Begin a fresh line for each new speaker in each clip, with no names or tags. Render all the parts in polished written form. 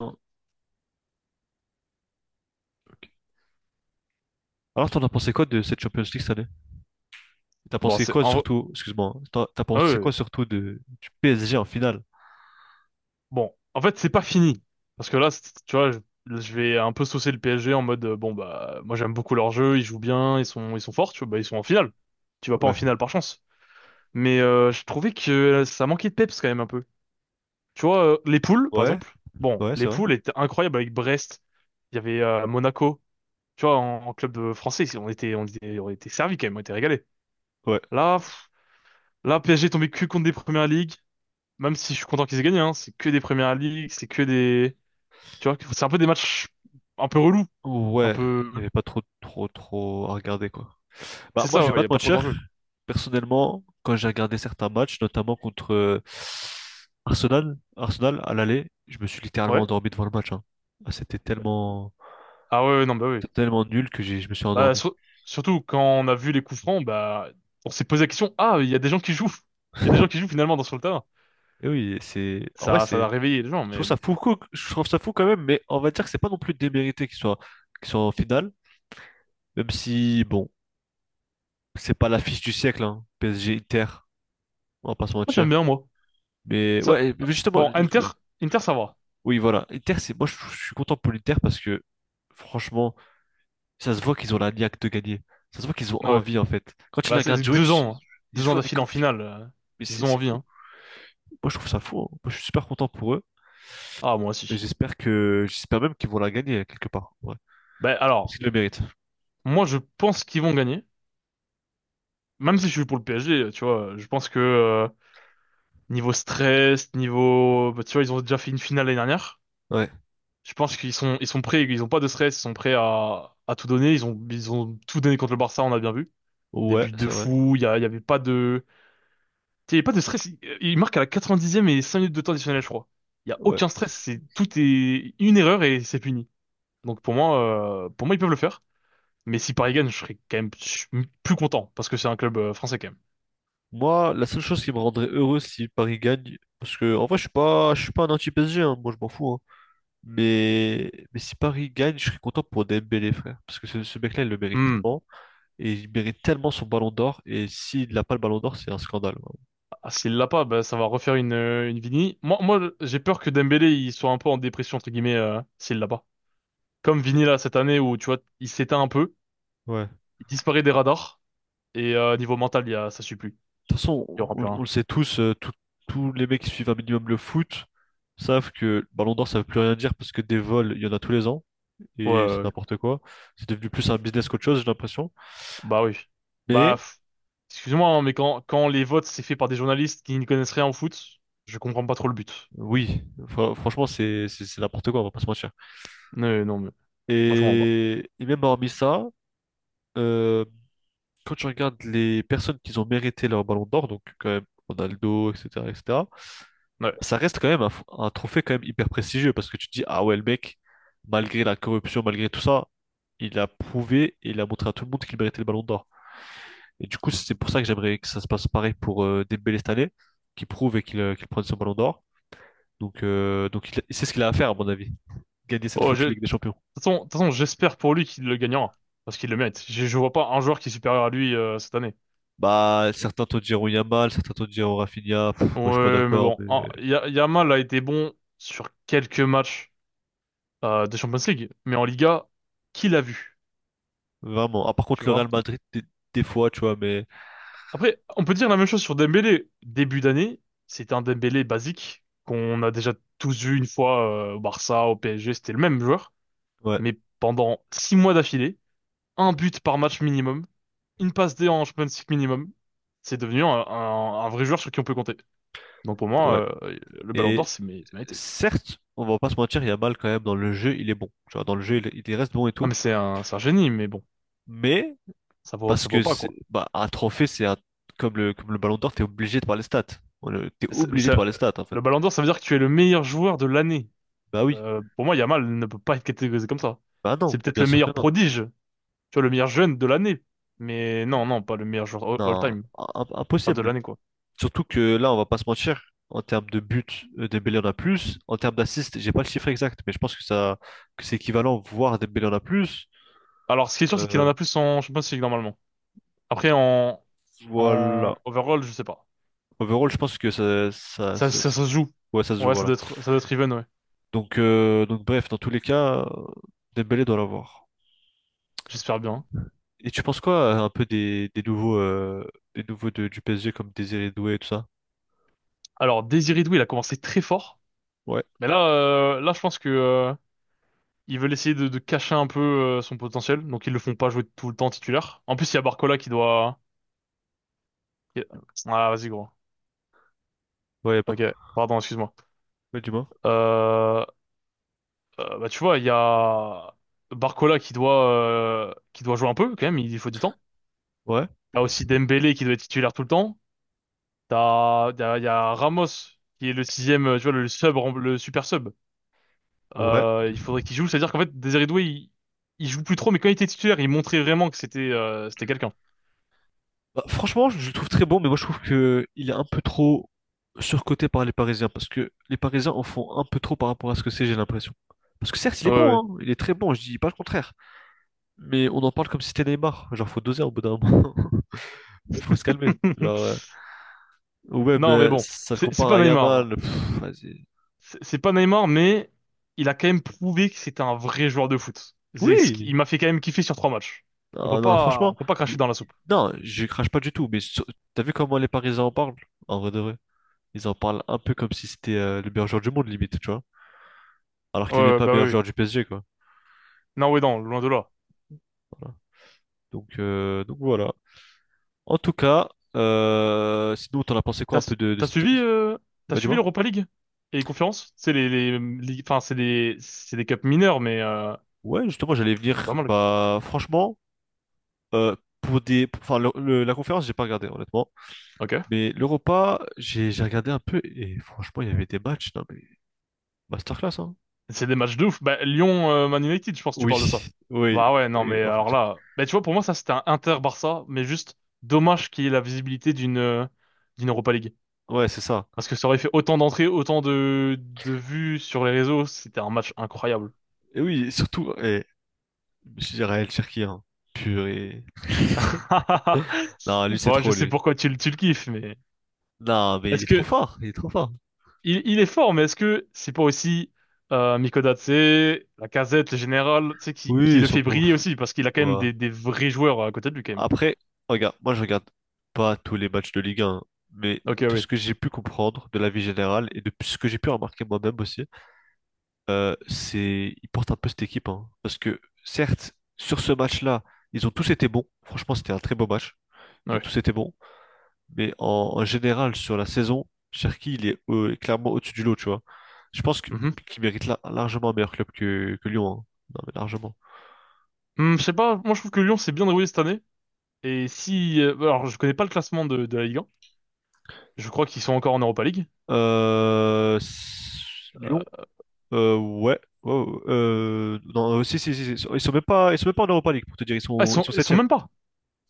Non. OK. Alors, t'en as pensé quoi de cette Champions League cette année? T'as
Bon,
pensé quoi surtout, excuse-moi, hein, t'as pensé
euh,
quoi surtout de, du PSG en finale?
bon, en fait, c'est pas fini. Parce que là, tu vois, je vais un peu saucer le PSG en mode, bon, bah, moi j'aime beaucoup leur jeu, ils jouent bien, ils sont forts, tu vois, bah, ils sont en finale. Tu vas pas en
Ouais,
finale par chance. Mais je trouvais que ça manquait de peps quand même un peu. Tu vois, les poules, par
ouais,
exemple. Bon,
ouais,
les
c'est vrai.
poules étaient incroyables avec Brest. Il y avait Monaco. Tu vois, en club français, on était servis quand même, on était régalés.
Ouais,
Là, PSG est tombé cul contre des premières ligues. Même si je suis content qu'ils aient gagné, hein, c'est que des Premières Ligues, c'est que des... Tu vois, c'est un peu des matchs un peu relous, un
ouais,
peu...
il n'y avait pas trop, trop, trop à regarder quoi. Bah,
C'est
moi, je
ça,
vais
ouais,
pas
y a
te
pas trop
mentir.
d'enjeux.
Personnellement, quand j'ai regardé certains matchs, notamment contre Arsenal, Arsenal à l'aller, je me suis
quoi.
littéralement
Ouais.
endormi devant le match, hein. Ah, c'était tellement,
Ah ouais, ouais, non, bah oui.
c'était tellement nul que je me suis
Bah,
endormi.
surtout quand on a vu les coups francs, bah, on s'est posé la question, ah, il y a des gens qui jouent. Il y a des gens qui jouent finalement dans sur le terrain.
Et oui, c'est, en vrai,
Ça
c'est.
a réveillé les gens,
Je
mais
trouve ça
bon.
fou, je trouve ça fou quand même, mais on va dire que c'est pas non plus démérité qu'ils soient en finale, même si, bon, c'est pas l'affiche du siècle, hein, PSG Inter, on va pas se
Moi, j'aime
mentir.
bien, moi.
Mais
Ça,
ouais, mais justement,
bon, Inter, Inter, ça va.
oui, voilà, Inter, moi je suis content pour l'Inter parce que, franchement, ça se voit qu'ils ont la niaque de gagner. Ça se voit qu'ils ont
Ouais.
envie en fait. Quand tu les
Bah, c'est
regardes
c'est
jouer,
deux ans, hein.
ils
2 ans
jouent avec
d'affilée en
envie,
finale.
mais c'est
Ils ont
c'est
envie,
fou.
hein.
Moi je trouve ça fou, hein. Moi je suis super content pour eux,
Ah, moi
et
aussi.
j'espère même qu'ils vont la gagner quelque part, ouais,
Bah,
parce
alors,
qu'ils le méritent.
moi, je pense qu'ils vont gagner. Même si je suis pour le PSG, tu vois, je pense que niveau stress, niveau, bah, tu vois, ils ont déjà fait une finale l'année dernière.
Ouais.
Je pense qu'ils sont prêts, ils ont pas de stress, ils sont prêts à tout donner. Ils ont tout donné contre le Barça, on a bien vu. Des
Ouais,
buts de
c'est vrai.
fou, il y avait pas de, tu sais, il y avait pas de stress. Ils marquent à la 90e et 5 minutes de temps additionnel, je crois. Il y a
Ouais.
aucun stress, c'est tout est une erreur et c'est puni. Donc pour moi, ils peuvent le faire. Mais si Paris gagne, je serais quand même plus content parce que c'est un club français quand
Moi, la seule chose qui me rendrait heureux si Paris gagne, parce que en vrai, je suis pas un anti-PSG, hein, moi je m'en fous, hein. Mais si Paris gagne, je serais content pour Dembélé, frère, parce que ce mec-là, il le mérite
même.
tellement, et il mérite tellement son ballon d'or, et s'il n'a pas le ballon d'or, c'est un scandale, vraiment.
Ah, s'il l'a pas, bah, ça va refaire une Vini. Moi, j'ai peur que Dembélé, il soit un peu en dépression, entre guillemets, s'il l'a pas. Comme Vini, là, cette année où, tu vois, il s'éteint un peu,
Ouais. De
il disparaît des radars, et niveau mental, il y a, ça suit plus.
toute façon,
Il y aura plus
on
rien.
le sait tous, tous les mecs qui suivent un minimum le foot savent que le ballon d'or, ça veut plus rien dire parce que des vols, il y en a tous les ans,
Ouais,
et c'est
ouais, ouais.
n'importe quoi. C'est devenu plus un business qu'autre chose, j'ai l'impression.
Bah oui. Bah,
Mais.
excuse-moi, hein, mais quand les votes, c'est fait par des journalistes qui n'y connaissent rien au foot, je comprends pas trop le but.
Oui, franchement, c'est n'importe quoi, on va pas se mentir.
Non, non, mais moi, je comprends
Et même hormis ça, euh, quand tu regardes les personnes qui ont mérité leur ballon d'or, donc quand même Ronaldo, etc., etc.,
pas. Ouais.
ça reste quand même un trophée quand même hyper prestigieux parce que tu te dis, ah ouais, le mec, malgré la corruption, malgré tout ça, il a prouvé et il a montré à tout le monde qu'il méritait le ballon d'or. Et du coup, c'est pour ça que j'aimerais que ça se passe pareil pour Dembélé cette année, qui prouve et qu'il prenne son ballon d'or. Donc c'est ce qu'il a à faire, à mon avis, gagner cette
Oh,
foutue
de
Ligue
toute
des Champions.
façon, de toute façon, j'espère pour lui qu'il le gagnera, parce qu'il le mérite. Je vois pas un joueur qui est supérieur à lui cette année.
Bah, certains te diront Yamal, certains te diront Rafinha. Pff, moi, je suis pas
Ouais, mais
d'accord,
bon,
mais
Yamal a été bon sur quelques matchs de Champions League, mais en Liga, qui l'a vu,
vraiment. Ah, par contre,
tu
le Real
vois?
Madrid, des fois, tu vois, mais
Après, on peut dire la même chose sur Dembélé. Début d'année, c'était un Dembélé basique qu'on a déjà tous vu une fois au Barça, au PSG, c'était le même joueur,
ouais,
mais pendant 6 mois d'affilée, un but par match minimum, une passe D en Champions League minimum, c'est devenu un vrai joueur sur qui on peut compter. Donc pour
ouais.
moi, le Ballon
Et
d'Or, c'est mérité.
certes, on va pas se mentir, Yamal, quand même, dans le jeu, il est bon. Tu vois, dans le jeu, il reste bon et
Ah
tout.
mais c'est un génie, mais bon,
Mais,
ça vaut,
parce
ça vaut
que
pas
c'est,
quoi.
bah, un trophée, c'est un, comme le Ballon d'Or, t'es obligé de voir les stats. T'es
Mais mais
obligé de
ça-
voir les stats, en fait.
le Ballon d'Or, ça veut dire que tu es le meilleur joueur de l'année.
Bah oui.
Pour moi, Yamal ne peut pas être catégorisé comme ça.
Bah non,
C'est peut-être
bien
le
sûr que
meilleur
non.
prodige, tu vois, le meilleur jeune de l'année. Mais non, non, pas le meilleur joueur all-
Non,
all-time. Pas de
impossible.
l'année, quoi.
Surtout que là, on va pas se mentir, en termes de buts, Dembélé en a plus. En termes d'assists, j'ai pas le chiffre exact, mais je pense que ça, que c'est équivalent, voire Dembélé en a plus.
Alors, ce qui est sûr, c'est qu'il en
Euh,
a plus en Champions League, normalement. Après, en
voilà.
overall, je sais pas.
Overall, je pense que
Ça, ça, ça se joue.
ouais, ça se joue,
Ouais, ça
voilà.
doit être, ça doit être even, ouais.
Donc bref, dans tous les cas, Dembélé doit l'avoir.
J'espère bien.
Et tu penses quoi un peu des nouveaux du PSG comme Désiré Doué et tout ça?
Alors, Désiré Doué, il a commencé très fort.
Ouais,
Mais là, je pense que ils veulent essayer de cacher un peu son potentiel, donc ils le font pas jouer tout le temps titulaire. En plus, il y a Barcola qui doit... Ah, vas-y, gros.
ouais, y a pas.
Ok, pardon, excuse-moi.
Ouais, dis-moi.
Euh, Bah, tu vois, il y a Barcola qui doit jouer un peu, quand même, il faut du temps.
Ouais,
T'as aussi Dembélé qui doit être titulaire tout le temps. Il y a Ramos qui est le sixième, tu vois, le super sub.
ouais.
Il faudrait qu'il joue, c'est-à-dire qu'en fait, Désiré Doué, il joue plus trop, mais quand il était titulaire, il montrait vraiment que c'était quelqu'un.
Bah, franchement, je le trouve très bon, mais moi je trouve que il est un peu trop surcoté par les Parisiens, parce que les Parisiens en font un peu trop par rapport à ce que c'est, j'ai l'impression. Parce que certes, il est
Ouais,
bon, hein, il est très bon, je dis pas le contraire, mais on en parle comme si c'était Neymar. Genre, faut doser au bout d'un moment, faut se calmer.
ouais.
Genre, euh, ou même,
Non, mais
euh,
bon,
ça le
c'est
compare
pas
à
Neymar.
Yamal. Pff, vas-y.
C'est pas Neymar, mais il a quand même prouvé que c'était un vrai joueur de foot.
Oui,
Il m'a fait quand même kiffer sur trois matchs. On peut
non, non,
pas, on
franchement,
peut pas cracher dans la soupe.
non, je crache pas du tout, mais t'as vu comment les Parisiens en parlent, en vrai de vrai? Ils en parlent un peu comme si c'était le meilleur joueur du monde, limite, tu vois. Alors
Ouais,
qu'il est même
ouais,
pas
bah
meilleur
oui. Oui.
joueur du PSG, quoi.
Non, oui, non, loin de là.
Voilà. Donc voilà. En tout cas, sinon, t'en as pensé quoi
T'as,
un
su-
peu de
t'as
cette...
suivi, euh, t'as
Bah,
suivi
dis-moi.
l'Europa League et les conférences? C'est les- Enfin, c'est des cups mineurs, mais
Ouais, justement, j'allais
c'est
venir.
pas mal.
Bah, franchement, euh, pour enfin, la conférence, j'ai pas regardé, honnêtement.
Ok.
Mais l'Europa, j'ai regardé un peu et franchement, il y avait des matchs, non, mais masterclass, hein.
C'est des matchs de ouf. Bah, Lyon, Man United, je pense que tu
Oui,
parles de ça.
oui,
Bah ouais, non,
oui,
mais
en
alors
fait.
là, bah tu vois, pour moi, ça c'était un Inter-Barça, mais juste dommage qu'il y ait la visibilité d'une Europa League.
Ouais, c'est ça.
Parce que ça aurait fait autant d'entrées, autant de vues sur les réseaux, c'était un match incroyable.
Et oui, surtout, et, je dirais El Cherki, hein. Purée. Non, lui, c'est
Bon, je
trop,
sais
lui.
pourquoi tu le kiffes, mais
Non, mais il
est-ce
est trop
que
fort, il est trop fort.
il est fort, mais est-ce que c'est pas aussi Mikodate, la casette le général, tu sais, qui,
Oui,
qui
ils
le
sont
fait
beaux.
briller aussi, parce qu'il a quand même des vrais joueurs à côté de lui, quand même.
Après, regarde, moi je regarde pas tous les matchs de Ligue 1, mais
Ok,
de ce
oui,
que j'ai pu comprendre de la vie générale et de ce que j'ai pu remarquer moi-même aussi, c'est ils portent un peu cette équipe, hein, parce que certes, sur ce match-là, ils ont tous été bons. Franchement, c'était un très beau match. Ils ont
ouais.
tous été bons, mais en général sur la saison, Cherki il est clairement au-dessus du lot, tu vois. Je pense qu'il mérite largement un meilleur club que Lyon, hein. Non mais largement.
Je sais pas, moi je trouve que Lyon s'est bien déroulé cette année. Et si. Alors, je connais pas le classement de la Ligue 1. Je crois qu'ils sont encore en Europa League. Euh,
Lyon. Ouais. Oh, non, si, si, si, si. Ils sont même pas en Europa League, pour te dire.
ah, ils
Ils
sont,
sont
ils sont
septième.
même pas.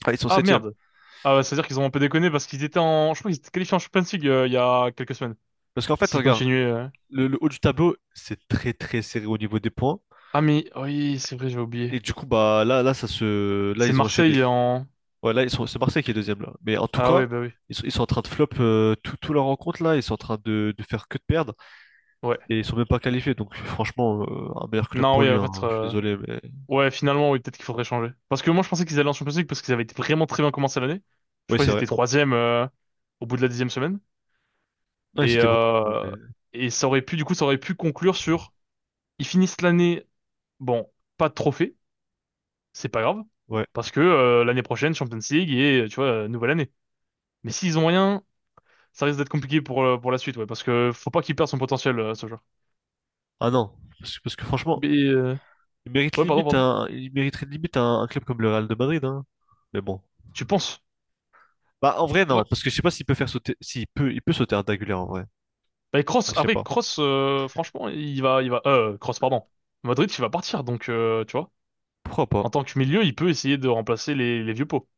Ah, ils sont
Ah
septième.
merde. Ah, ouais, c'est-à-dire qu'ils ont un peu déconné parce qu'ils étaient en. Je crois qu'ils étaient qualifiés en Champions League il y a quelques semaines.
Parce qu'en fait,
S'ils
regarde,
continuaient.
le haut du tableau, c'est très très serré au niveau des points.
Ah, mais oui, c'est vrai, j'ai oublié.
Et du coup, bah là, ça se. Là,
C'est
ils ont enchaîné.
Marseille en.
Ouais, là, ils sont. C'est Marseille qui est deuxième là. Mais en tout
Ah,
cas,
ouais, bah oui.
ils sont en train de flop tout leur rencontre là. Ils sont en train de faire que de perdre.
Ouais.
Et ils sont même pas qualifiés. Donc franchement, un meilleur club
Non,
pour
oui,
lui,
en
hein.
fait.
Je suis désolé, mais.
Ouais, finalement, oui, peut-être qu'il faudrait changer. Parce que moi je pensais qu'ils allaient en Champions League parce qu'ils avaient été vraiment très bien commencé l'année. Je
Oui,
crois
c'est
qu'ils
vrai.
étaient troisième au bout de la dixième semaine.
Non, ils
Et,
étaient bons. Mais-.
euh, et ça aurait pu, du coup, ça aurait pu conclure sur, ils finissent l'année, bon, pas de trophée, c'est pas grave,
Ouais.
parce que l'année prochaine, Champions League et, tu vois, nouvelle année. Mais s'ils ont rien, ça risque d'être compliqué pour la suite, ouais, parce que faut pas qu'il perde son potentiel, ce joueur.
Ah non. Parce que franchement,
Mais, ouais, pardon, pardon.
Il mériterait limite un club comme le Real de Madrid, hein. Mais bon.
Tu penses?
Bah, en vrai,
Ouais.
non, parce que je sais pas s'il peut faire sauter, s'il peut, il peut sauter un Dagulé en vrai.
Bah,
Ah,
Kroos,
je sais
après,
pas.
Kroos, franchement, il va, Kroos, pardon. Madrid, il va partir, donc, tu vois,
Pourquoi pas?
en tant que milieu, il peut essayer de remplacer les vieux pots.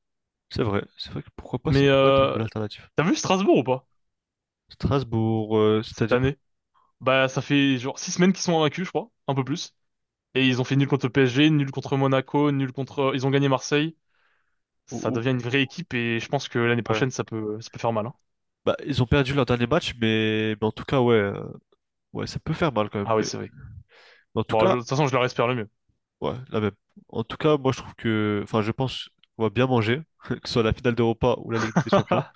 C'est vrai. C'est vrai que pourquoi pas,
Mais,
ça pourrait être une bonne alternative.
t'as vu Strasbourg ou pas,
Strasbourg,
cette
c'est-à-dire?
année? Bah, ça fait genre 6 semaines qu'ils sont invaincus, je crois, un peu plus. Et ils ont fait nul contre le PSG, nul contre Monaco, nul contre. Ils ont gagné Marseille.
Ou-
Ça
ou-
devient une vraie équipe et je pense que l'année
ouais.
prochaine, ça peut faire mal, hein.
Bah, ils ont perdu leur dernier match, mais en tout cas, ouais, ouais, ça peut faire mal quand même.
Ah oui,
Mais,
c'est vrai.
mais en tout
Bon,
cas,
de toute façon, je leur espère le mieux.
ouais, la même. En tout cas, moi, je trouve que, enfin, je pense qu'on va bien manger, que ce soit la finale d'Europa ou la Ligue des Champions.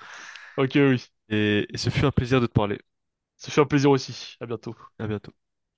Ok, oui.
Et ce fut un plaisir de te parler.
Ça fait un plaisir aussi. À bientôt.
À bientôt.